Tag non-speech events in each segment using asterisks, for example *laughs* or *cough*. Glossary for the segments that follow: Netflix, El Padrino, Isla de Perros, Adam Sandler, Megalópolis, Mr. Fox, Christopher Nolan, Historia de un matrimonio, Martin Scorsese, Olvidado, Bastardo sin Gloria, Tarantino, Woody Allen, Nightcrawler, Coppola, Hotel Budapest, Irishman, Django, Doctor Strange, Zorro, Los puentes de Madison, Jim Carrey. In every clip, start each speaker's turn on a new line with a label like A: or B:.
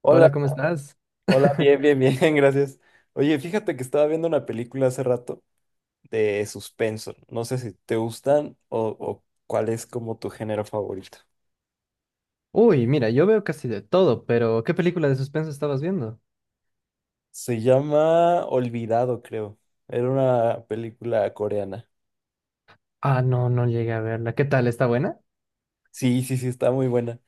A: Hola,
B: Hola, ¿cómo estás?
A: hola,
B: *laughs*
A: bien, bien, bien, *laughs* gracias. Oye, fíjate que estaba viendo una película hace rato de suspenso. No sé si te gustan o cuál es como tu género favorito.
B: Uy, mira, yo veo casi de todo, pero ¿qué película de suspenso estabas viendo?
A: Se llama Olvidado, creo. Era una película coreana.
B: Ah, no, no llegué a verla. ¿Qué tal? ¿Está buena?
A: Sí, sí, sí, está muy buena.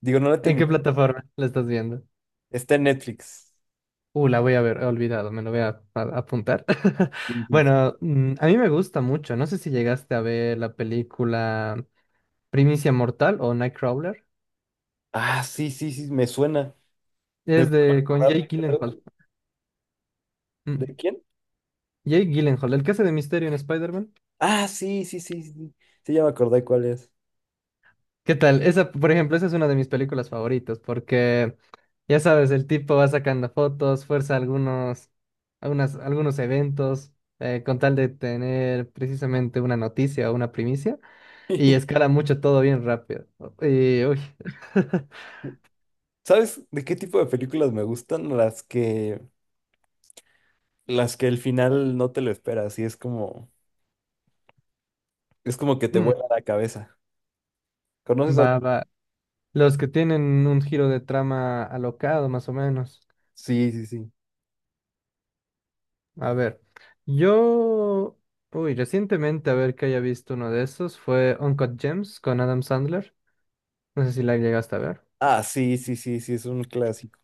A: Digo, no la
B: ¿En qué
A: terminé.
B: plataforma la estás viendo?
A: Está en Netflix.
B: La voy a ver, he olvidado, me lo voy a apuntar. *laughs*
A: Sí, sí, sí.
B: Bueno, a mí me gusta mucho. No sé si llegaste a ver la película Primicia Mortal o Nightcrawler.
A: Ah, sí, sí, sí, me suena. ¿Me
B: Es
A: puedo
B: de con
A: acordar
B: Jake
A: de qué trata?
B: Gyllenhaal.
A: ¿De
B: Mm,
A: quién?
B: Jake Gyllenhaal, el que hace de Misterio en Spider-Man.
A: Ah, sí, sí, sí, sí. Sí, ya me acordé cuál es.
B: ¿Qué tal? Esa, por ejemplo, esa es una de mis películas favoritas porque, ya sabes, el tipo va sacando fotos, fuerza algunos, algunas, algunos eventos, con tal de tener precisamente una noticia o una primicia, y escala
A: *laughs*
B: mucho todo bien rápido. Y, uy. *laughs*
A: ¿Sabes de qué tipo de películas me gustan? Las que el final no te lo esperas y es como que te
B: Mm,
A: vuela la cabeza. ¿Conoces algo?
B: va, va. Los que tienen un giro de trama alocado, más o menos.
A: Sí, sí, sí.
B: A ver, yo, uy, recientemente, a ver que haya visto uno de esos, fue Uncut Gems con Adam Sandler. No sé si la llegaste a ver.
A: Ah, sí, sí, sí, sí, es un clásico.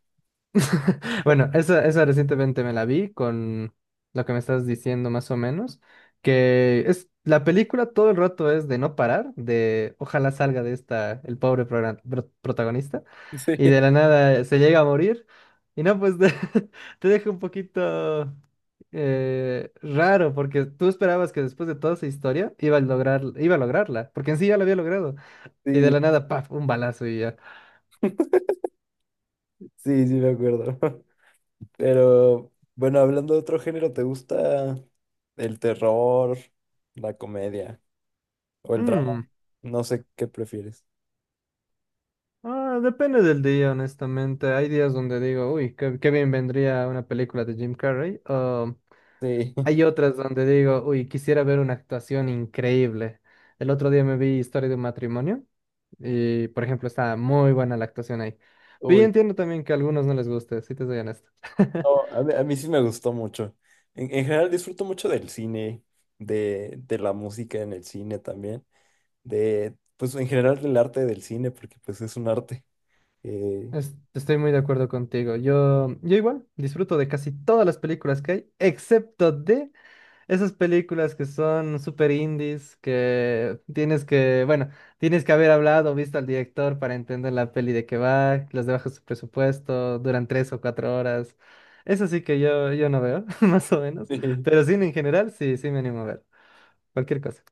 B: *laughs* Bueno, esa recientemente me la vi con lo que me estás diciendo más o menos, que es la película todo el rato es de no parar, de ojalá salga de esta el pobre protagonista y de la
A: *laughs*
B: nada se llega a morir y no, pues *laughs* te deja un poquito raro porque tú esperabas que después de toda esa historia iba a lograr, iba a lograrla, porque en sí ya lo había logrado y de
A: Sí,
B: la
A: sí,
B: nada, paf, un balazo y ya.
A: sí, sí, me acuerdo. *laughs* Pero, bueno, hablando de otro género, ¿te gusta el terror, la comedia o el drama? No sé qué prefieres.
B: Ah, depende del día, honestamente. Hay días donde digo, uy, qué, qué bien vendría una película de Jim Carrey, o
A: Sí, *laughs*
B: hay otras donde digo, uy, quisiera ver una actuación increíble. El otro día me vi Historia de un matrimonio y, por ejemplo, está muy buena la actuación ahí. Pero yo
A: uy.
B: entiendo también que a algunos no les guste, si te soy honesto. *laughs*
A: No, a mí sí me gustó mucho. En general disfruto mucho del cine, de la música en el cine también, de, pues en general del arte del cine, porque pues es un arte. eh,
B: Estoy muy de acuerdo contigo. Yo igual disfruto de casi todas las películas que hay, excepto de esas películas que son super indies, que tienes que, bueno, tienes que haber hablado, visto al director para entender la peli de qué va, las de bajo su presupuesto, duran 3 o 4 horas. Eso sí que yo no veo, *laughs* más o menos.
A: *laughs*
B: Pero cine en general, sí, sí me animo a ver. Cualquier cosa.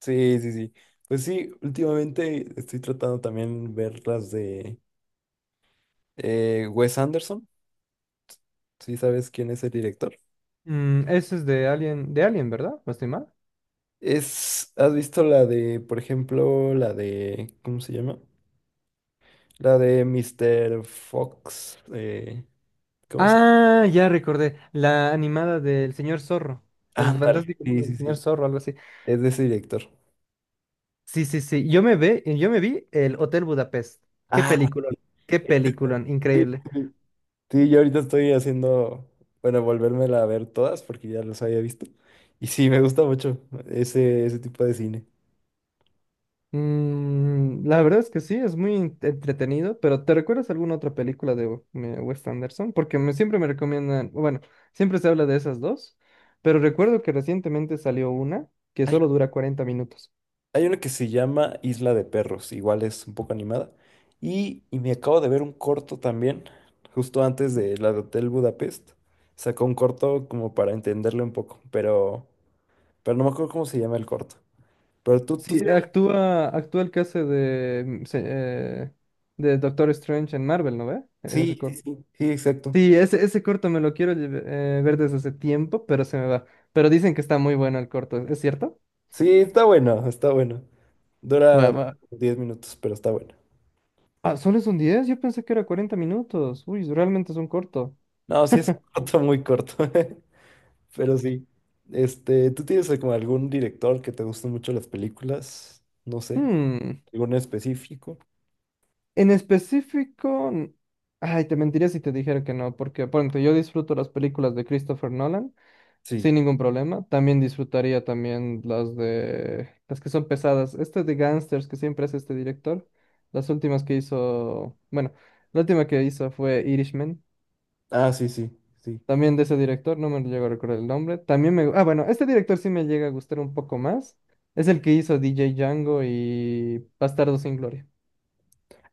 A: sí, sí, sí. Sí. Pues sí, últimamente estoy tratando también ver las de Wes Anderson, si sabes quién es el director.
B: Mm, eso es de Alien, ¿verdad? ¿No estoy mal?
A: Es, ¿has visto la de, por ejemplo, la de, ¿cómo se llama? La de Mr. Fox, ¿cómo se
B: Ah, ya recordé. La animada del señor Zorro. El
A: Ándale,
B: fantástico
A: sí,
B: mundo del
A: sí,
B: señor
A: sí.
B: Zorro, algo así.
A: Es de ese director.
B: Sí, sí, sí. Yo me vi el Hotel Budapest. Qué
A: Ah,
B: peliculón, qué peliculón,
A: sí,
B: increíble.
A: sí. Sí, yo ahorita estoy haciendo, bueno, volvérmela a ver todas porque ya los había visto. Y sí, me gusta mucho ese, ese tipo de cine.
B: Mm, la verdad es que sí, es muy entretenido, pero ¿te recuerdas alguna otra película de Wes Anderson? Porque me, siempre me recomiendan, bueno, siempre se habla de esas dos, pero recuerdo que recientemente salió una que
A: Hay,
B: solo dura 40 minutos.
A: hay una que se llama Isla de Perros, igual es un poco animada. Y me acabo de ver un corto también, justo antes de la de Hotel Budapest. Sacó un corto como para entenderle un poco, pero no me acuerdo cómo se llama el corto. Pero tú sí,
B: Sí, actúa, actúa el que hace de, de Doctor Strange en Marvel, ¿no ve? En ese
A: sí, sí,
B: corto.
A: sí, sí, exacto.
B: Sí, ese corto me lo quiero ver desde hace tiempo, pero se me va. Pero dicen que está muy bueno el corto, ¿es cierto?
A: Sí, está bueno, está bueno.
B: Va,
A: Dura
B: va.
A: 10 minutos, pero está bueno.
B: Ah, ¿solo es un 10? Yo pensé que era 40 minutos. Uy, realmente es un corto.
A: No, sí es un *laughs* corto muy corto, *laughs* pero sí. Este, ¿tú tienes como algún director que te gusten mucho las películas? No sé,
B: Hmm.
A: ¿algún específico?
B: En específico... Ay, te mentiría si te dijera que no, porque, por ejemplo, yo disfruto las películas de Christopher Nolan
A: Sí.
B: sin ningún problema. También disfrutaría también las de... las que son pesadas. Este de Gangsters que siempre hace este director. Las últimas que hizo... Bueno. La última que hizo fue Irishman.
A: Ah, sí, sí, sí.
B: También de ese director, no me llego a recordar el nombre. También me... Ah, bueno, este director sí me llega a gustar un poco más. Es el que hizo DJ Django y Bastardo sin Gloria.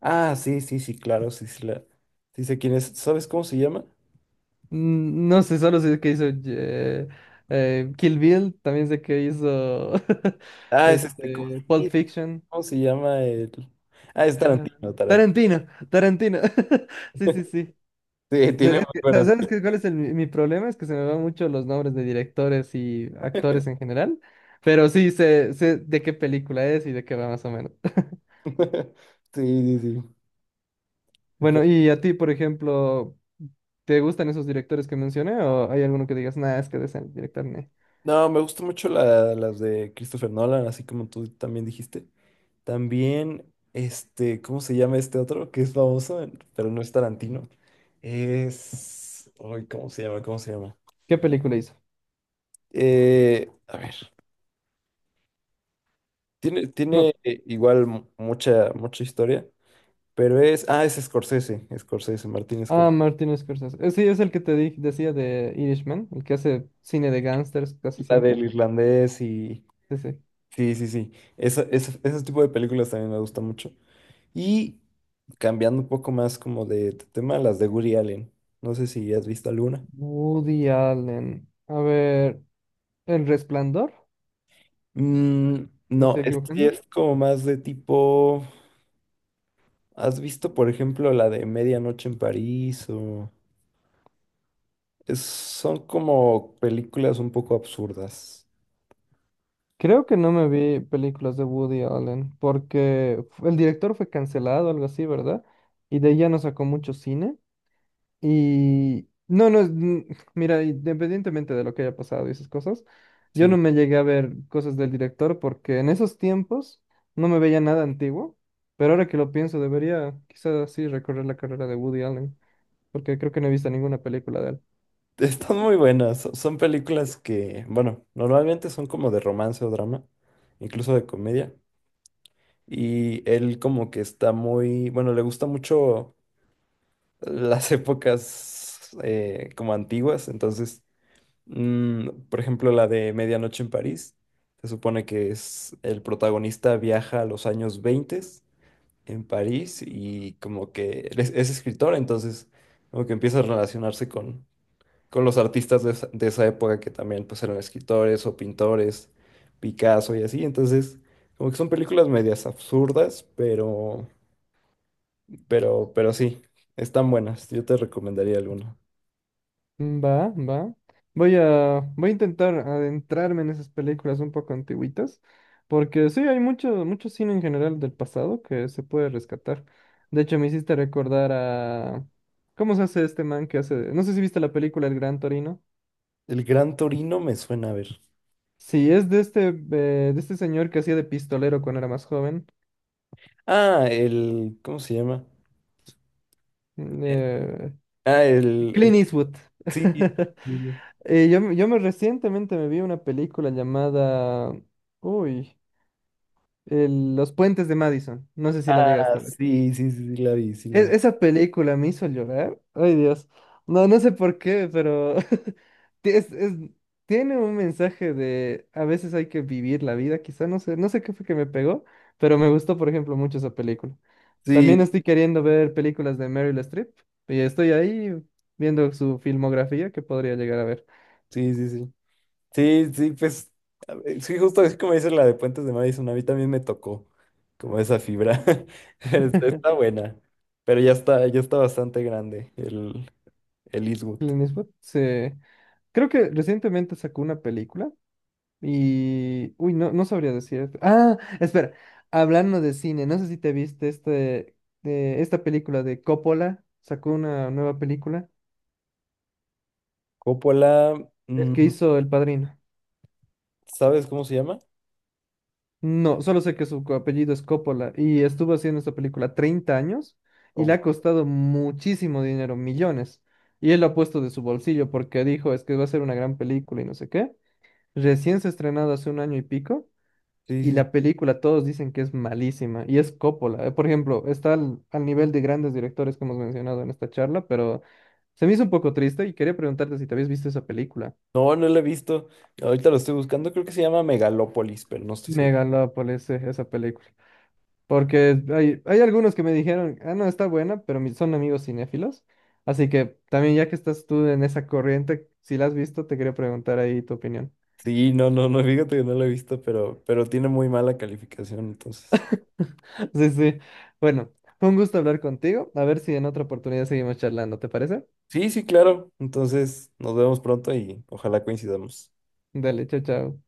A: Ah, sí, sí, sí, claro, sí, sí, la... sí sé quién es. ¿Sabes cómo se llama?
B: Mm, no sé, solo sé que hizo Kill Bill, también sé que hizo *laughs*
A: Ah, es este, ¿cómo,
B: este, Pulp Fiction.
A: cómo se llama el...? Ah, es
B: Ah,
A: Tarantino, Tarantino.
B: Tarantino, Tarantino. *laughs* Sí, sí,
A: *laughs*
B: sí.
A: Sí, tiene
B: Es
A: muy
B: que, ¿Sabes
A: buenas
B: sabes cuál es mi problema? Es que se me van mucho los nombres de directores y actores en general, pero sí sé, sé de qué película es y de qué va más o menos. *laughs*
A: películas. *laughs* Sí, sí, sí.
B: Bueno, y a ti, por ejemplo, ¿te gustan esos directores que mencioné o hay alguno que digas, nada, es que de ese director, ne"?
A: No, me gustan mucho la- las de Christopher Nolan, así como tú también dijiste. También, este, ¿cómo se llama este otro? Que es famoso, en- pero no es Tarantino. Es... Ay, ¿cómo se llama? ¿Cómo se llama?
B: ¿Qué película hizo?
A: A ver, tiene, tiene
B: No.
A: igual mu- mucha, mucha historia, pero es... Ah, es Scorsese, Scorsese, Martín
B: Ah,
A: Scorsese.
B: Martin Scorsese. Sí, es el que te decía de Irishman, el que hace cine de gángsters casi
A: La
B: siempre.
A: del irlandés.
B: Sí, sí.
A: Sí, sí, sí. Esa- esa- ese tipo de películas también me gusta mucho. Y cambiando un poco más como de tema, las de Woody Allen. No sé si has visto alguna.
B: Woody Allen. A ver, El Resplandor,
A: Mm,
B: ¿me
A: no,
B: estoy equivocando?
A: es como más de tipo. ¿Has visto, por ejemplo, la de Medianoche en París? O es- son como películas un poco absurdas.
B: Creo que no me vi películas de Woody Allen porque el director fue cancelado, algo así, ¿verdad? Y de ahí ya no sacó mucho cine. Y no, no, mira, independientemente de lo que haya pasado y esas cosas, yo no
A: Sí,
B: me llegué a ver cosas del director porque en esos tiempos no me veía nada antiguo, pero ahora que lo pienso debería quizás sí recorrer la carrera de Woody Allen porque creo que no he visto ninguna película de él.
A: *laughs* están muy buenas. Son son películas que, bueno, normalmente son como de romance o drama, incluso de comedia. Y él como que está muy, bueno, le gusta mucho las *laughs* épocas como antiguas, entonces, mm, por ejemplo, la de Medianoche en París, se supone que es el protagonista viaja a los años 20 en París y como que él es escritor, entonces como que empieza a relacionarse con los artistas de esa época que también pues eran escritores o pintores, Picasso y así, entonces como que son películas medias absurdas, pero... pero sí, están buenas. Yo te recomendaría alguna.
B: Mm, va, va. Voy a intentar adentrarme en esas películas un poco antiguitas, porque sí, hay mucho, mucho cine en general del pasado que se puede rescatar. De hecho, me hiciste recordar a... ¿Cómo se hace este man que hace... No sé si viste la película El Gran Torino.
A: El Gran Torino me suena a ver.
B: Sí, es de este señor que hacía de pistolero cuando era más joven.
A: Ah, el, ¿cómo se llama?
B: mm,
A: Eh,
B: Eh,
A: Ah, el,
B: Clint Eastwood.
A: sí. Sí,
B: *laughs*
A: sí.
B: Yo me Recientemente me vi una película llamada... Uy. Los puentes de Madison. No sé si la llegaste
A: Ah,
B: a ver.
A: sí, sí, sí, sí, la vi, sí, la vi.
B: Esa película me hizo llorar. Ay, Dios. No, no sé por qué, pero *laughs* ti- es- es- tiene un mensaje de a veces hay que vivir la vida, quizá no sé, no sé qué fue que me pegó, pero me gustó, por ejemplo, mucho esa película. También
A: Sí,
B: estoy queriendo ver películas de Meryl Streep y estoy ahí viendo su filmografía que podría llegar a ver.
A: sí, sí, sí. Sí, sí, pues, a ver, sí, justo así como dices la de Puentes de Madison, a mí también me tocó como esa fibra. *laughs* Está está
B: *laughs*
A: buena, pero ya está bastante grande el Eastwood.
B: Clint Eastwood, sí. Creo que recientemente sacó una película. Y, uy, no, no sabría decirte. Ah, espera, hablando de cine, no sé si te viste este, de esta película de Coppola, sacó una nueva película,
A: Coppola,
B: el que
A: mm,
B: hizo El Padrino.
A: ¿sabes cómo se llama?
B: No, solo sé que su apellido es Coppola y estuvo haciendo esta película 30 años y le ha
A: Oh,
B: costado muchísimo dinero, millones. Y él lo ha puesto de su bolsillo porque dijo, es que va a ser una gran película y no sé qué. Recién se ha estrenado hace un año y pico.
A: sí,
B: Y
A: sí. Sí.
B: la película, todos dicen que es malísima, y es Coppola. Por ejemplo, está al, al nivel de grandes directores que hemos mencionado en esta charla, pero se me hizo un poco triste y quería preguntarte si te habías visto esa película.
A: No, no lo he visto. Ahorita lo estoy buscando. Creo que se llama Megalópolis, pero no estoy seguro.
B: Megalópolis, esa película. Porque hay algunos que me dijeron, ah, no, está buena, pero son amigos cinéfilos. Así que también ya que estás tú en esa corriente, si la has visto, te quería preguntar ahí tu opinión.
A: Sí, no, no, no, *laughs* fíjate que no lo he visto, pero tiene muy mala calificación, entonces.
B: *laughs* Sí, sí. Bueno, fue un gusto hablar contigo. A ver si en otra oportunidad seguimos charlando, ¿te parece?
A: Sí, sí, claro. Entonces, nos vemos pronto y ojalá coincidamos.
B: Dale, chao, chao.